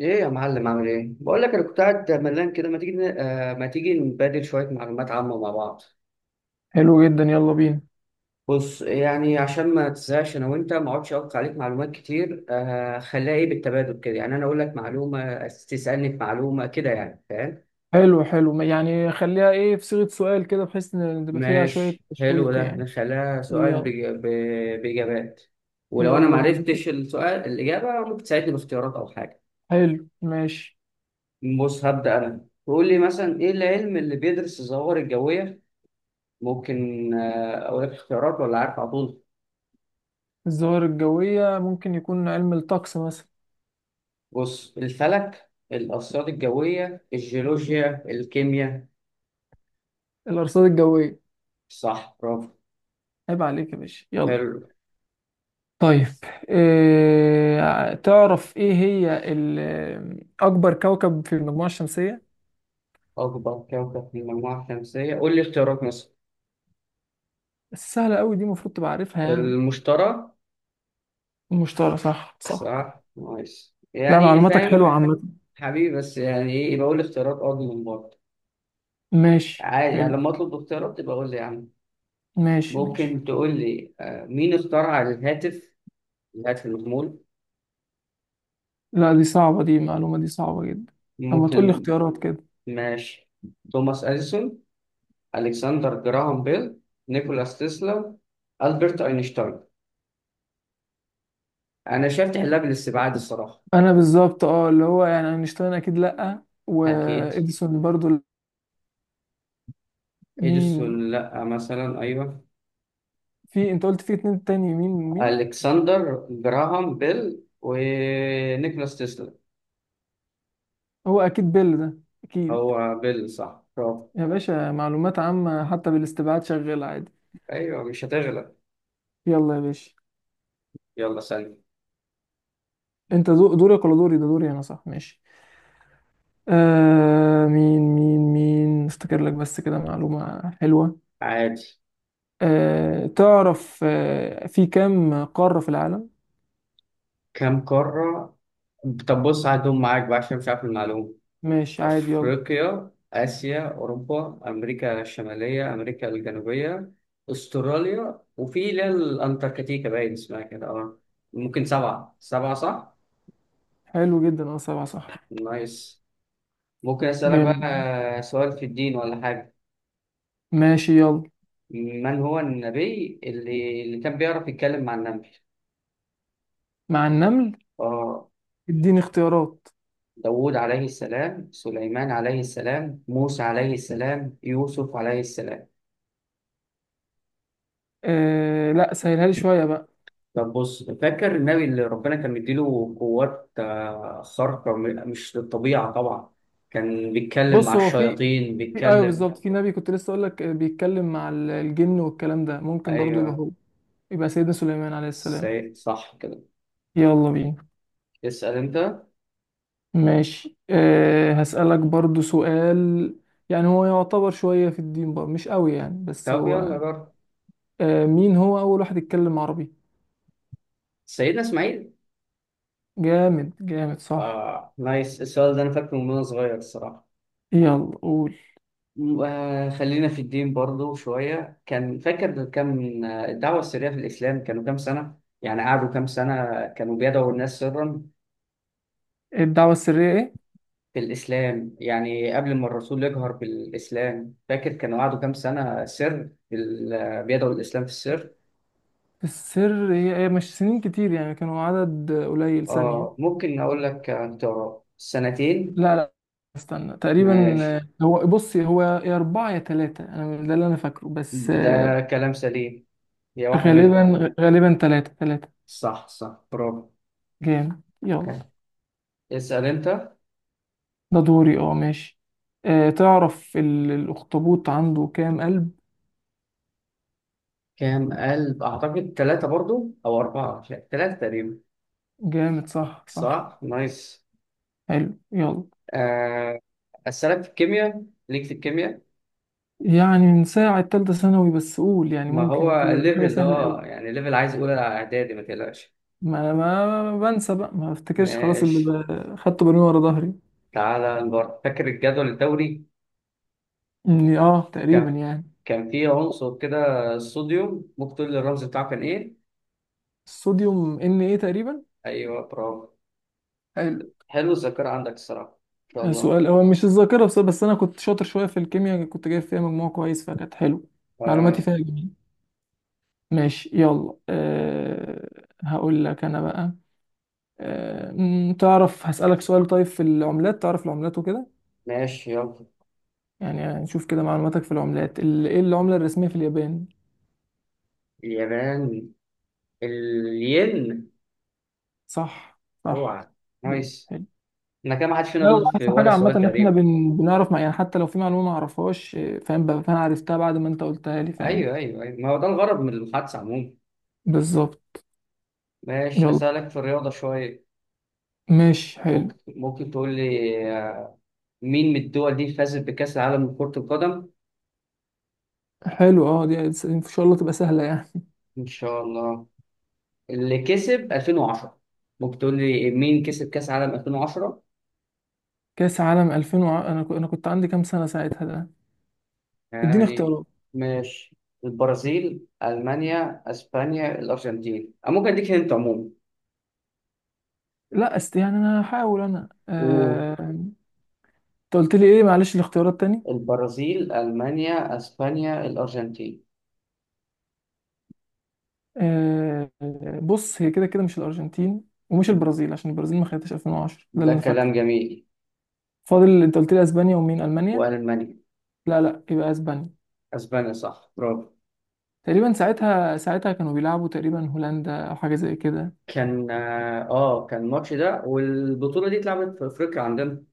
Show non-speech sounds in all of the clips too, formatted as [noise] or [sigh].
ايه يا معلم، عامل ايه؟ بقول لك انا كنت قاعد ملان كده، ما تيجي نبادل شويه معلومات عامه مع بعض؟ حلو جدا، يلا بينا. بص يعني عشان ما تزهقش انا وانت ما اقعدش اقطع عليك معلومات كتير، خليها ايه بالتبادل كده، يعني انا اقول لك معلومه تسالني في معلومه كده، يعني فاهم؟ حلو حلو يعني خليها ايه في صيغة سؤال كده، بحيث ان تبقى فيها شوية ماشي، حلو، تشويق ده يعني. نخليها سؤال يلا باجابات. ولو انا ما يلا بينا. عرفتش السؤال، الاجابه ممكن تساعدني باختيارات او حاجه. حلو ماشي. بص هبدا انا، تقول لي مثلا، ايه العلم اللي بيدرس الظواهر الجويه؟ ممكن أقول لك اختيارات، ولا عارف على طول؟ الظواهر الجوية ممكن يكون علم الطقس مثلا. بص، الفلك، الأرصاد الجوية، الجيولوجيا، الكيمياء. الأرصاد الجوية. صح، برافو. عيب عليك يا باشا، يلا. حلو. طيب. إيه تعرف ايه هي أكبر كوكب في المجموعة الشمسية؟ أكبر كوكب في المجموعة الشمسية؟ قول لي اختيارات مثلا. سهلة أوي دي، المفروض تبقى عارفها يعني. المشتري. المشتري، صح صح. صح، نايس، لا يعني معلوماتك حلوة فاهم. عامة. حبيبي، بس يعني إيه؟ يبقى قول لي اختيارات أرض من برضه. ماشي عادي، يعني حلو. لما أطلب اختيارات تبقى قول لي يا عم. ماشي ماشي. ممكن تقول لي مين اخترع الهاتف؟ الهاتف المحمول. لا دي صعبة، دي معلومة دي صعبة جدا. طب ما تقول لي ممكن. اختيارات كده. ماشي. توماس أديسون، ألكسندر جراهام بيل، نيكولاس تسلا، ألبرت أينشتاين. أنا شايف تحلها بالاستبعاد الصراحة. انا بالظبط اللي هو يعني اينشتاين اكيد لا، أكيد. واديسون برضو لا. مين؟ إديسون لأ مثلا، أيوه. في انت قلت في اتنين تاني، مين مين؟ ألكسندر جراهام بيل ونيكولاس تسلا. هو اكيد بيل ده. اكيد. هو بيل، صح، برافو. يا باشا معلومات عامة حتى بالاستبعاد شغال عادي. أيوه، مش هتغلب. يلا يا باشا. يلا، سلام. انت دورك ولا دوري؟ ده دوري انا، صح؟ ماشي. مين مين مين افتكر لك بس كده معلومة حلوة. عادي. تعرف في كام قارة في العالم؟ كم قارة. طب بص، هدوم معاك بقى، عشان مش عارف المعلومة. ماشي عادي، يلا. أفريقيا، آسيا، أوروبا، أمريكا الشمالية، أمريكا الجنوبية، أستراليا، وفي اللي هي الأنتاركتيكا، باين اسمها كده. أه، ممكن سبعة. سبعة صح؟ حلو جدا، اه سبعة صح. نايس. ممكن أسألك جامد. بقى سؤال في الدين ولا حاجة؟ ماشي يلا. من هو النبي اللي كان بيعرف يتكلم مع النبي؟ مع النمل. أه، اديني اختيارات. داوود عليه السلام، سليمان عليه السلام، موسى عليه السلام، يوسف عليه السلام. لا سهلها لي شوية بقى. طب بص، فاكر النبي اللي ربنا كان مديله قوات خارقة، مش للطبيعة طبعا، كان بيتكلم مع بص هو في الشياطين، في ايوه بيتكلم. بالظبط، في نبي كنت لسه اقول لك، بيتكلم مع الجن والكلام ده، ممكن برضو يبقى أيوه. هو. يبقى سيدنا سليمان عليه السلام. سي... صح كده. يلا بينا. اسأل أنت. ماشي، هسألك برضو سؤال. يعني هو يعتبر شوية في الدين بقى، مش قوي يعني بس طب يلا هو. جرب. مين هو أول واحد يتكلم عربي؟ سيدنا إسماعيل. جامد جامد، صح. آه، نايس، السؤال ده أنا فاكره من وأنا صغير الصراحة. يلا قول. خلينا في الدين برضو شوية. كان فاكر كم، الدعوة السرية في الإسلام كانوا كام سنة؟ يعني قعدوا كام سنة كانوا بيدعوا الناس سرا؟ الدعوة السرية إيه؟ في الإسلام يعني قبل ما الرسول يجهر بالإسلام، فاكر كان وعده كام سنة سر بيدعو الإسلام في السر؟ السر هي مش سنين كتير يعني، كانوا عدد قليل. ثانية. آه، ممكن أقول لك اختيارات. سنتين. لا لا، استنى. تقريبا، ماشي. هو بص، هو يا أربعة يا تلاتة، أنا ده اللي أنا فاكره بس ده آه، كلام سليم. هي واحدة منهم. غالبا غالبا تلاتة تلاتة. صح، صح، برافو. جامد يلا. اسأل أنت. ده دوري، اه ماشي. تعرف الأخطبوط عنده كام قلب؟ كام قلب؟ أعتقد ثلاثة برضو أو أربعة، مش عارف. ثلاثة تقريبا. جامد، صح صح. صح، نايس. حلو يلا. آه، أسألك في الكيمياء؟ ليك في الكيمياء. يعني من ساعة تالتة ثانوي بس، قول يعني، ما ممكن هو كده لو حاجة ليفل ده سهلة اه، أوي. يعني ليفل عايز اولى اعدادي، ما تقلقش. ما أنا ما بنسى بقى، ما بفتكرش خلاص، اللي ماشي، خدته برمي ورا ظهري. تعالى نجرب. فاكر الجدول الدوري؟ اه تقريبا كان يعني. كان فيه عنصر كده، الصوديوم، ممكن تقول لي الرمز بتاعه كان ايه؟ الصوديوم ان ايه تقريبا. ايوه، برافو. حلو. حلو الذاكره عندك الصراحه، ان شاء الله. سؤال هو مش الذاكرة بس أنا كنت شاطر شوية في الكيمياء، كنت جايب فيها مجموع كويس، فكانت حلو. معلوماتي آه. فيها جميل. ماشي يلا. هقول لك أنا بقى. أه مم، تعرف هسألك سؤال طيب في العملات، تعرف العملات وكده. ماشي، يلا. يعني نشوف كده معلوماتك في العملات. إيه العملة الرسمية في اليابان؟ اليابان. الين. صح صح. اوعى. نايس. احنا كده ما حدش فينا لا هو غلط في احسن ولا حاجه عامه سؤال ان احنا تقريبا. بنعرف يعني حتى لو في معلومه ما اعرفهاش إيه، فاهم بقى، فانا عرفتها بعد ما انت قلتها لي، فاهم. ايوه ايوه ايوه، ما هو ده الغرض من المحادثه عموما. بالظبط. ماشي، يلا. اسالك في الرياضه شويه. ماشي حلو. ممكن تقول لي، مين من الدول دي فازت بكأس العالم لكرة القدم؟ حلو اه دي. ان شاء الله تبقى سهله يعني. إن شاء الله. اللي كسب 2010، ممكن تقول لي مين كسب كأس العالم 2010؟ كاس عالم 2000 انا انا كنت عندي كام سنه ساعتها ده. اديني يعني. اختيارات. ماشي. البرازيل، ألمانيا، أسبانيا، الأرجنتين. أو ممكن أديك هنت عموما. لا يعني انا هحاول انا، انت قلت لي ايه معلش الاختيارات تاني. والبرازيل، ألمانيا، أسبانيا، الأرجنتين. آه، بص هي كده كده مش الارجنتين، ومش البرازيل، عشان البرازيل ما خدتش 2010، ده اللي ده انا فاكره. كلام جميل. فاضل انت قلت لي اسبانيا ومين؟ المانيا. وألمانيا. لا لا، يبقى اسبانيا. أسبانيا، صح، برافو. تقريبا ساعتها، كانوا بيلعبوا تقريبا هولندا او حاجه زي كده. كان كان الماتش ده والبطولة دي اتلعبت في أفريقيا عندنا.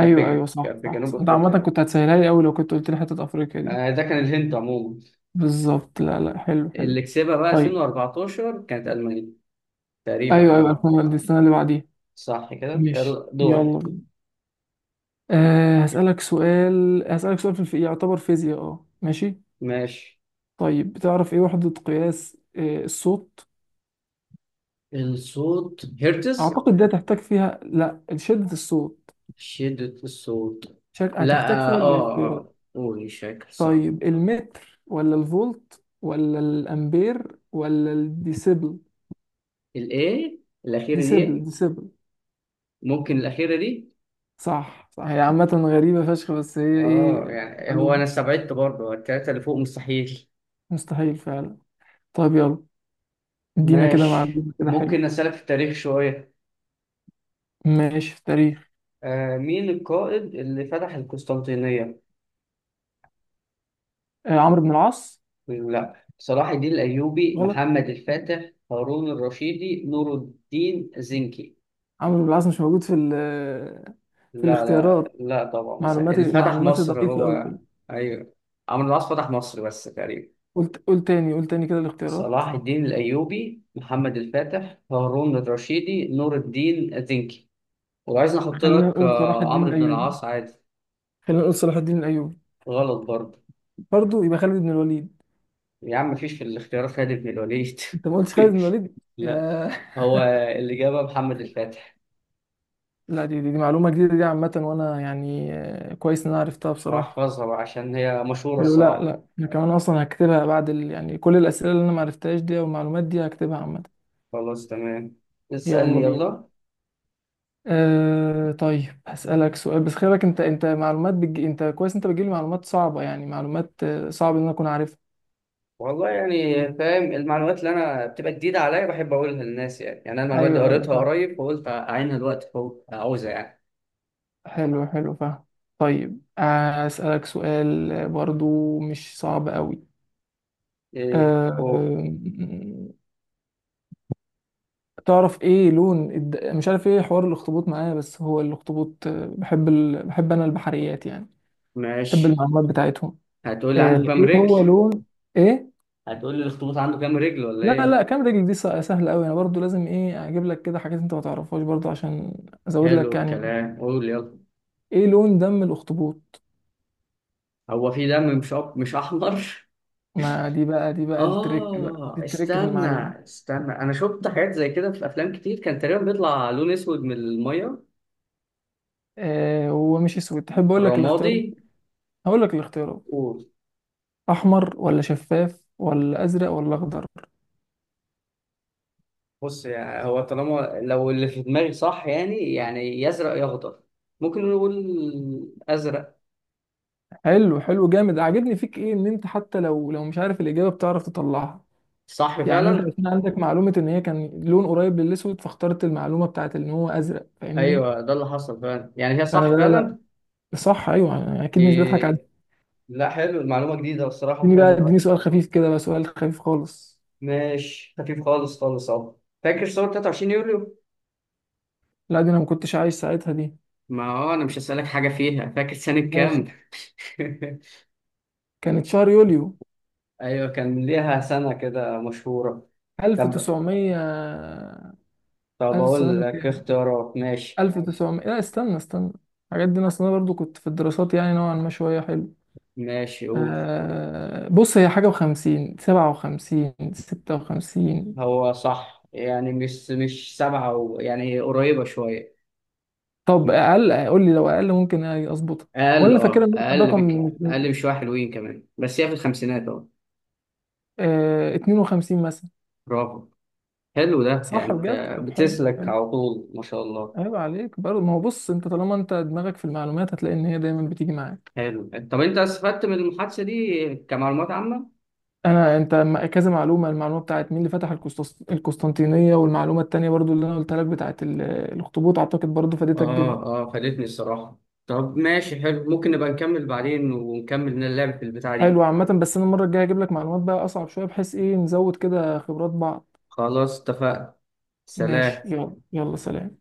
كان ايوه، في صح كان في صح جنوب صح. انت عامه أفريقيا. كنت هتسهلها لي قوي لو كنت قلت لي حته افريقيا دي. ده كان الهند عموما. بالظبط، لا لا، حلو حلو. اللي كسبها بقى طيب. 2014 كانت ألمانيا، تقريبا ايوه ايوه، اه. الفاينل دي السنه اللي بعديها. صح كده، ماشي يلا دورك. يلا بينا. هسألك سؤال، في يعتبر فيزياء، اه ماشي. ماشي. طيب بتعرف ايه وحدة قياس الصوت؟ الصوت هرتز. اعتقد ده تحتاج فيها، لا، شدة الصوت. شدة الصوت. لا هتحتاج اه فيها اه الاختيار. قول، مش فاكر الصراحة. طيب المتر ولا الفولت ولا الامبير ولا الديسيبل؟ الايه الأخيرة ديسيبل دي. ديسيبل. ممكن الأخيرة دي. صح صح، هي عامة غريبة فشخ، بس هي اه ايه. يعني هو أنا معلومة. استبعدت برضه التلاتة اللي فوق مستحيل. مستحيل فعلا. طيب يلا. ادينا كده ماشي. معلومة كده ممكن حلو. أسألك في التاريخ شوية؟ ماشي، في التاريخ. آه، مين القائد اللي فتح القسطنطينية؟ عمرو بن العاص. لا، صلاح الدين الأيوبي، غلط. محمد الفاتح، هارون الرشيدي، نور الدين زنكي. عمرو بن العاص مش موجود في ال، في لا لا الاختيارات. لا طبعا، اللي فتح معلوماتي مصر ضعيفة أوي هو. كده. أيوه. عمرو العاص فتح مصر بس تقريبا. قول تاني، قول تاني كده الاختيارات. صلاح الدين الأيوبي، محمد الفاتح، هارون الرشيدي، نور الدين زنكي. وعايز نحط خلينا لك نقول صلاح الدين عمرو بن الأيوبي. العاص عادي. خلينا نقول صلاح الدين الأيوبي. غلط برضه. برضه، يبقى خالد بن الوليد. يا عم مفيش في الاختيارات خالد بن الوليد. انت ما قلتش خالد بن [laughs] الوليد لا. هو [laughs] الإجابة محمد الفاتح. لا دي معلومه جديده دي عامه، وانا يعني كويس ان انا عرفتها بصراحه. أحفظها بقى عشان هي مشهورة حلو. لا الصراحة. لا، انا كمان اصلا هكتبها بعد يعني كل الاسئله اللي انا ما عرفتهاش دي والمعلومات دي، هكتبها عامه. خلاص، تمام. اسألني يلا بينا. يلا. طيب هسألك سؤال، بس خلي بالك انت، معلومات انت كويس، انت بتجيب لي معلومات صعبه، يعني معلومات صعب ان انا اكون عارفها. والله يعني فاهم، المعلومات اللي أنا بتبقى جديدة عليا بحب أقولها للناس. يعني يعني أنا المعلومات دي ايوه ايوه، قريتها فاهم. قريب، فقلت أعينها دلوقتي فوق عاوزها يعني. حلو حلو، فاهم. طيب، هسألك سؤال برضو مش صعب قوي. إيه أوه. أه. تعرف ايه لون مش عارف ايه حوار الاخطبوط معايا، بس هو الاخطبوط، بحب بحب انا البحريات يعني. بحب ماشي. المعلومات بتاعتهم. هتقول لي عنده كام ايه هو رجل؟ لون. ايه. [laughs] هتقول لي الأخطبوط عنده كام رجل ولا لا لا، إيه؟ كام رجل دي سهله قوي، انا برضو لازم ايه اجيب لك كده حاجات انت ما تعرفهاش برضو عشان ازود حلو لك يعني معلومة. الكلام، قول يلا. ايه لون دم الاخطبوط؟ هو في دم مش أب... مش أحمر؟ ما دي بقى، دي [laughs] بقى التريك بقى، دي آه التريك في استنى، المعلومه. استنى. أنا شفت حاجات زي كده في أفلام كتير، كان تقريبا بيطلع لون أسود من المية. هو مش اسود، تحب اقول لك رمادي. الاختيارات؟ هقول لك الاختيارات. قول. احمر ولا شفاف ولا ازرق ولا اخضر. بص يعني هو طالما لو اللي في دماغي صح، يعني يعني يا ازرق يا اخضر. ممكن نقول ازرق. حلو حلو، جامد. عاجبني فيك ايه ان انت حتى لو مش عارف الاجابه بتعرف تطلعها. صح يعني انت فعلا. عشان عندك معلومه ان هي كان لون قريب للاسود، فاخترت المعلومه بتاعت ان هو ازرق، فاهمني. ايوه، ده اللي حصل فعلا، يعني هي فانا لا صح لا لا. فعلا. صح ايوه، أنا اكيد مش بضحك عليك. دي- لا، حلو المعلومه جديده الصراحه، اديني بقى، حلو. اديني سؤال خفيف كده بقى، سؤال خفيف خالص. ماشي، خفيف خالص خالص اهو. فاكر صور 23 يوليو؟ لا دي انا ما كنتش عايش ساعتها دي. ما هو انا مش هسألك حاجه فيها، فاكر سنه كام؟ ماشي. [laughs] كانت شهر يوليو. ايوه، كان ليها سنه كده مشهوره. طب 1900. طب اقول 1900 لك كام؟ اختيارات. ماشي. 1900، لا، استنى استنى. الحاجات دي انا اصلا برضو كنت في الدراسات يعني نوعا ما شويه حلو. ماشي، قول. بص هي حاجة وخمسين، سبعة وخمسين، ستة وخمسين. هو صح، يعني مش سبعة و... يعني قريبة شوية. طب أقل، قول لي، لو أقل ممكن أظبطها. وأنا أقل، اللي فاكرها أه إن هو كان أقل بك. رقم. أقل بشوية حلوين كمان، بس هي في الخمسينات أه. اتنين وخمسين مثلا. برافو. حلو ده، يعني صح أنت بجد، طب حلو بتسلك حلو. على طول، ما شاء الله. عيب عليك برضه، ما هو بص أنت طالما أنت دماغك في المعلومات هتلاقي إن هي دايما بتيجي معاك. حلو. طب أنت استفدت من المحادثة دي كمعلومات عامة؟ أنا أنت كذا معلومة، المعلومة بتاعت مين اللي فتح القسطنطينية، والمعلومة التانية برضو اللي أنا قلتها لك بتاعت الأخطبوط، أعتقد برضو فادتك جدا. أه. أه، فادتني الصراحة. طب ماشي، حلو. ممكن نبقى نكمل بعدين ونكمل اللعب في البتاع دي. حلو عامة، بس انا المرة الجاية هجيب لك معلومات بقى اصعب شوية، بحيث ايه نزود كده خبرات بعض. خلاص اتفقنا. ماشي سلام. يلا يلا، سلام.